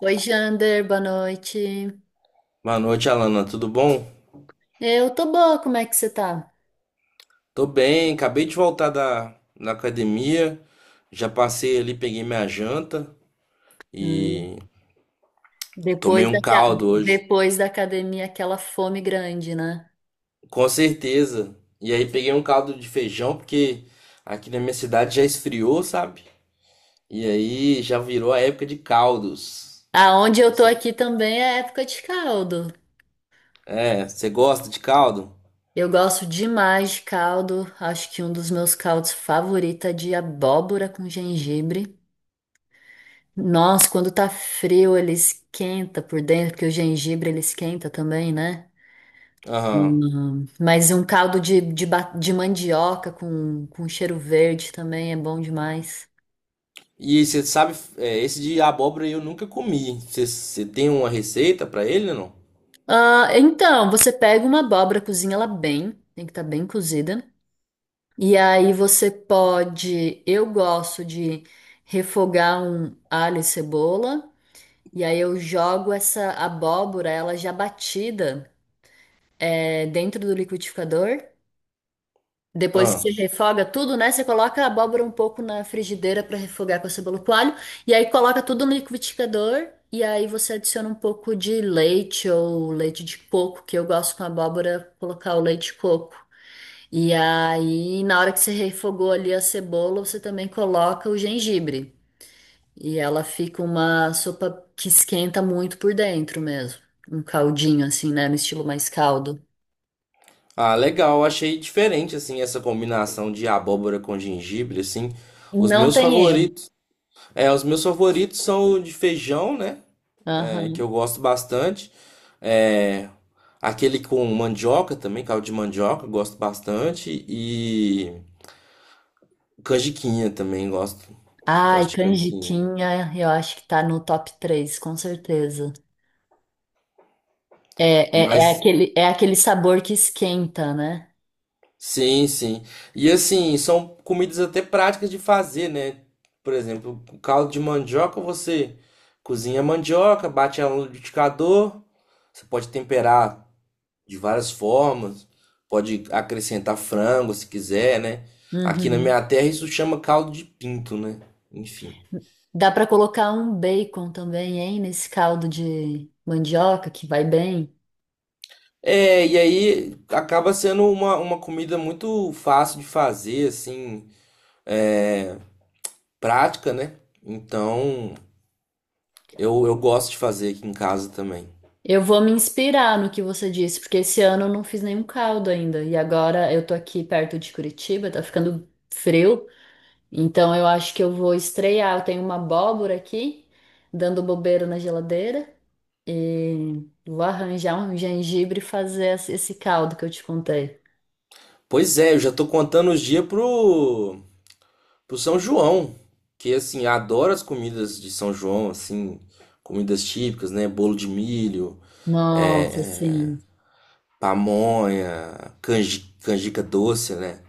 Oi, Jander, boa noite. Boa noite, Alana. Tudo bom? Eu tô boa, como é que você tá? Tô bem, acabei de voltar da academia. Já passei ali, peguei minha janta Hum, e tomei depois da, um caldo hoje, depois da academia, aquela fome grande, né? com certeza. E aí peguei um caldo de feijão, porque aqui na minha cidade já esfriou, sabe? E aí já virou a época de caldos. Aonde eu tô Você- aqui também é época de caldo. É, você gosta de caldo? Eu gosto demais de caldo. Acho que um dos meus caldos favoritos é de abóbora com gengibre. Nossa, quando tá frio, ele esquenta por dentro, porque o gengibre ele esquenta também, né? Aham. Mas um caldo de mandioca com cheiro verde também é bom demais. E você sabe, esse de abóbora eu nunca comi. Você tem uma receita pra ele, não? Ah, então, você pega uma abóbora, cozinha ela bem, tem que estar bem cozida. E aí você pode, eu gosto de refogar um alho e cebola. E aí eu jogo essa abóbora, ela já batida, dentro do liquidificador. Depois que você refoga tudo, né? Você coloca a abóbora um pouco na frigideira para refogar com a cebola e coalho. E aí coloca tudo no liquidificador. E aí você adiciona um pouco de leite ou leite de coco, que eu gosto com abóbora colocar o leite de coco. E aí, na hora que você refogou ali a cebola, você também coloca o gengibre. E ela fica uma sopa que esquenta muito por dentro mesmo. Um caldinho assim, né? No estilo mais caldo. Ah, legal, achei diferente assim essa combinação de abóbora com gengibre assim. Os Não meus tem erro. favoritos, os meus favoritos são o de feijão, né? É, que Aham. eu gosto bastante. É, aquele com mandioca também, caldo de mandioca, eu gosto bastante e canjiquinha também gosto, gosto Ai, de canjiquinha. canjiquinha, eu acho que tá no top 3, com certeza. É, é, é Mas aquele, é aquele sabor que esquenta, né? Sim, sim. E assim, são comidas até práticas de fazer, né? Por exemplo, o caldo de mandioca, você cozinha a mandioca, bate ela no liquidificador, você pode temperar de várias formas, pode acrescentar frango se quiser, né? Aqui na Uhum. minha terra isso chama caldo de pinto, né? Enfim. Dá pra colocar um bacon também, hein, nesse caldo de mandioca que vai bem. É, e aí acaba sendo uma comida muito fácil de fazer, assim, prática, né? Então. Eu gosto de fazer aqui em casa também. Eu vou me inspirar no que você disse, porque esse ano eu não fiz nenhum caldo ainda. E agora eu tô aqui perto de Curitiba, tá ficando frio, então eu acho que eu vou estrear. Eu tenho uma abóbora aqui, dando bobeira na geladeira. E vou arranjar um gengibre e fazer esse caldo que eu te contei. Pois é, eu já tô contando os dias pro São João. Que assim, eu adoro as comidas de São João, assim, comidas típicas, né? Bolo de milho, Nossa, assim, pamonha, canji, canjica doce, né?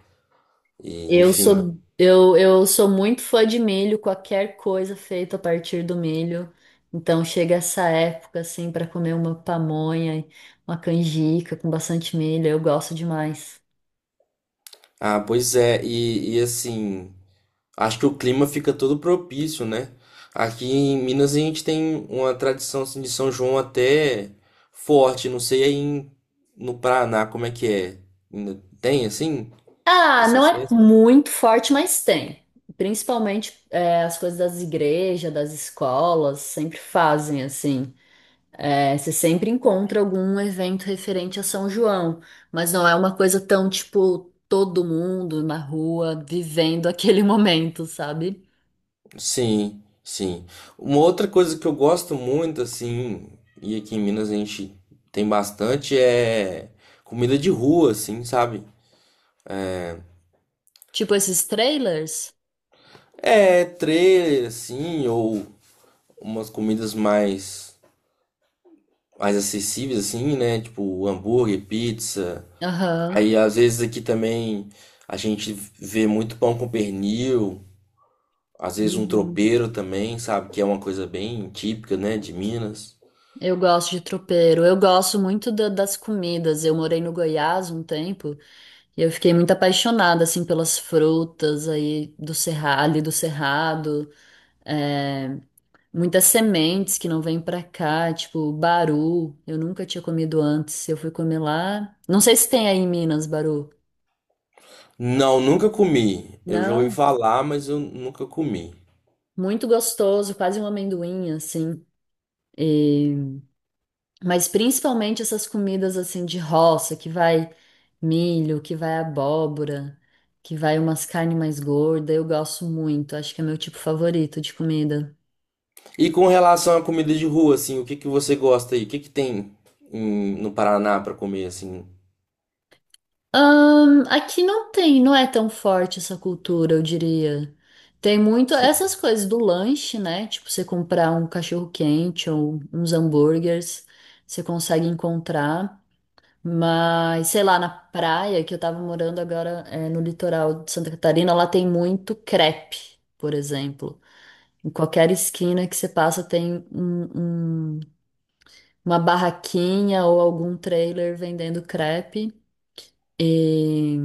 E, eu enfim. sou eu, eu sou muito fã de milho, qualquer coisa feita a partir do milho. Então chega essa época assim para comer uma pamonha, uma canjica com bastante milho, eu gosto demais. Ah, pois é, e assim, acho que o clima fica todo propício, né? Aqui em Minas a gente tem uma tradição assim, de São João até forte. Não sei no Paraná como é que é. Ainda tem assim Ah, não essas é festas? muito forte, mas tem. Principalmente as coisas das igrejas, das escolas, sempre fazem assim. É, você sempre encontra algum evento referente a São João, mas não é uma coisa tão tipo todo mundo na rua vivendo aquele momento, sabe? Sim, sim. Uma outra coisa que eu gosto muito assim, e aqui em Minas a gente tem bastante comida de rua, assim, sabe? Tipo esses trailers. É trailer assim ou umas comidas mais acessíveis, assim, né? Tipo, hambúrguer, pizza. Aham. Aí, às vezes, aqui também a gente vê muito pão com pernil. Às vezes, um Uhum. tropeiro também, sabe? Que é uma coisa bem típica, né? De Minas. Eu gosto de tropeiro. Eu gosto muito das comidas. Eu morei no Goiás um tempo e eu fiquei muito apaixonada assim pelas frutas aí do Cerrado, ali do Cerrado. É, Muitas sementes que não vêm pra cá, tipo baru. Eu nunca tinha comido antes. Eu fui comer lá. Não sei se tem aí em Minas, baru. Não, nunca comi. Eu já ouvi Não, falar, mas eu nunca comi. muito gostoso, quase um amendoim, assim. E- Mas principalmente essas comidas assim de roça, que vai milho, que vai abóbora, que vai umas carnes mais gordas. Eu gosto muito. Acho que é meu tipo favorito de comida. E com relação à comida de rua, assim, o que que você gosta aí? O que que tem no Paraná pra comer, assim? Aqui não tem, não é tão forte essa cultura, eu diria. Tem muito essas coisas do lanche, né? Tipo, você comprar um cachorro-quente ou uns hambúrgueres, você consegue encontrar. Mas, sei lá, na praia, que eu tava morando agora, no litoral de Santa Catarina, lá tem muito crepe, por exemplo. Em qualquer esquina que você passa tem uma barraquinha ou algum trailer vendendo crepe. E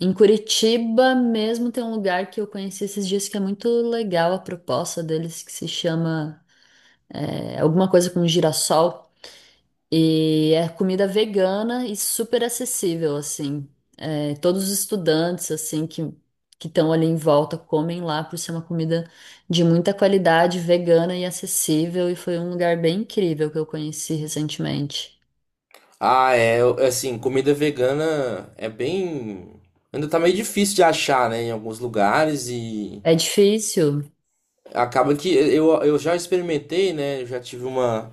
Em Curitiba mesmo tem um lugar que eu conheci esses dias que é muito legal a proposta deles, que se chama alguma coisa com girassol. E é comida vegana e super acessível, assim. É, todos os estudantes, assim, que estão ali em volta comem lá por ser uma comida de muita qualidade, vegana e acessível. E foi um lugar bem incrível que eu conheci recentemente. Ah, é, assim, comida vegana é bem. Ainda tá meio difícil de achar, né, em alguns lugares e É difícil. acaba que eu já experimentei, né, eu já tive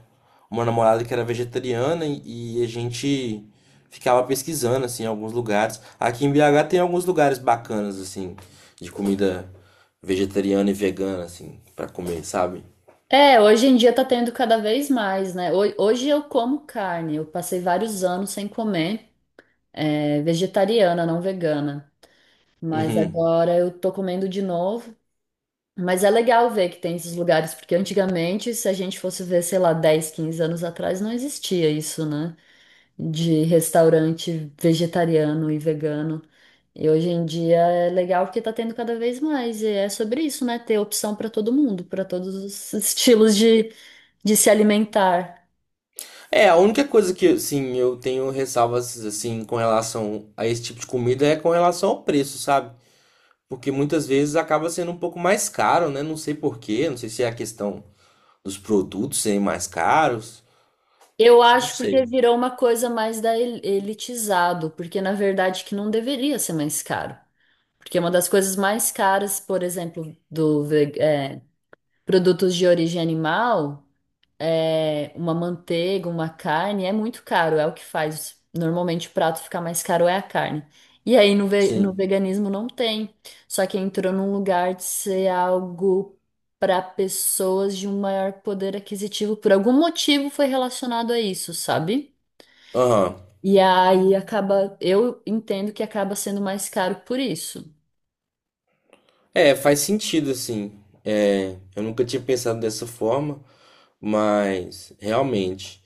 uma namorada que era vegetariana e a gente ficava pesquisando, assim, em alguns lugares. Aqui em BH tem alguns lugares bacanas, assim, de comida vegetariana e vegana, assim, pra comer, sabe? É, hoje em dia tá tendo cada vez mais, né? Hoje eu como carne, eu passei vários anos sem comer, vegetariana, não vegana, mas Uhum. agora eu tô comendo de novo. Mas é legal ver que tem esses lugares, porque antigamente, se a gente fosse ver, sei lá, 10, 15 anos atrás, não existia isso, né? De restaurante vegetariano e vegano. E hoje em dia é legal porque tá tendo cada vez mais, e é sobre isso, né? Ter opção para todo mundo, para todos os estilos de se alimentar. É, a única coisa que, assim, eu tenho ressalvas, assim, com relação a esse tipo de comida é com relação ao preço, sabe? Porque muitas vezes acaba sendo um pouco mais caro, né? Não sei por quê, não sei se é a questão dos produtos serem mais caros, Eu não acho sei. porque virou uma coisa mais elitizado, porque na verdade que não deveria ser mais caro. Porque uma das coisas mais caras, por exemplo, produtos de origem animal. Uma manteiga, uma carne, é muito caro, é o que faz. Normalmente o prato ficar mais caro é a carne. E aí no Sim. veganismo não tem. Só que entrou num lugar de ser algo para pessoas de um maior poder aquisitivo. Por algum motivo foi relacionado a isso, sabe? Aham. E aí acaba, eu entendo que acaba sendo mais caro por isso. É, faz sentido, assim. É, eu nunca tinha pensado dessa forma, mas realmente.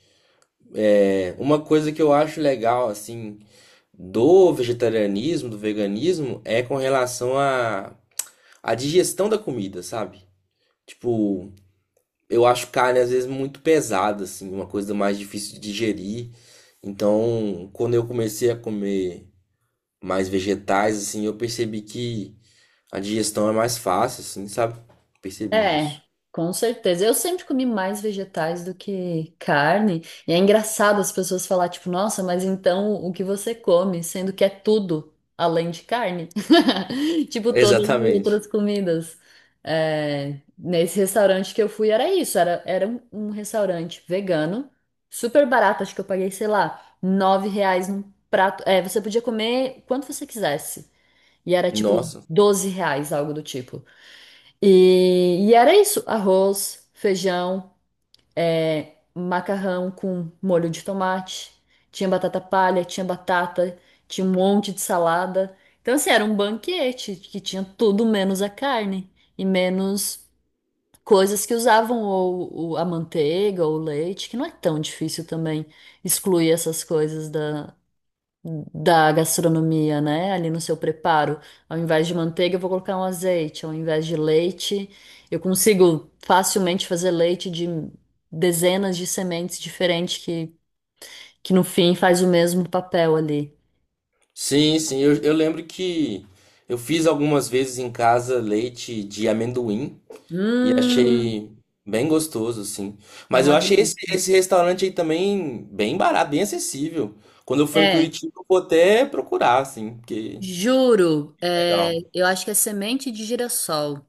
É, uma coisa que eu acho legal, assim, do vegetarianismo, do veganismo, é com relação a digestão da comida, sabe? Tipo, eu acho carne às vezes muito pesada, assim, uma coisa mais difícil de digerir. Então, quando eu comecei a comer mais vegetais, assim, eu percebi que a digestão é mais fácil, assim, sabe? Percebi É, isso. com certeza. Eu sempre comi mais vegetais do que carne. E é engraçado as pessoas falar, tipo, nossa, mas então o que você come, sendo que é tudo além de carne? Tipo, todas as Exatamente. outras comidas. É, nesse restaurante que eu fui era isso, era um restaurante vegano, super barato, acho que eu paguei, sei lá, R$ 9 num prato. É, você podia comer quanto você quisesse. E era tipo Nossa. R$ 12, algo do tipo. E era isso: arroz, feijão, macarrão com molho de tomate, tinha batata palha, tinha batata, tinha um monte de salada. Então, assim, era um banquete que tinha tudo menos a carne e menos coisas que usavam ou a manteiga ou o leite, que não é tão difícil também excluir essas coisas da gastronomia, né? Ali no seu preparo. Ao invés de manteiga, eu vou colocar um azeite. Ao invés de leite, eu consigo facilmente fazer leite de dezenas de sementes diferentes que no fim faz o mesmo papel ali. Sim, sim, eu lembro que eu fiz algumas vezes em casa leite de amendoim. E Hum, achei bem gostoso, assim. é Mas eu uma achei delícia. esse restaurante aí também bem barato, bem acessível. Quando eu for em É, Curitiba, eu vou até procurar, assim, porque juro, legal. eu acho que é semente de girassol.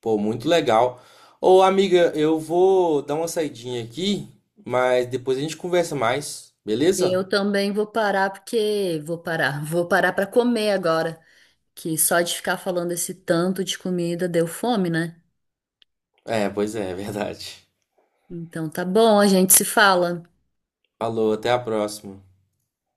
Pô, muito legal. Ô, amiga, eu vou dar uma saidinha aqui, mas depois a gente conversa mais, beleza? Eu também vou parar porque vou parar, vou parar para comer agora, que só de ficar falando esse tanto de comida deu fome, né? É, pois é, é verdade. Então tá bom, a gente se fala. Falou, até a próxima.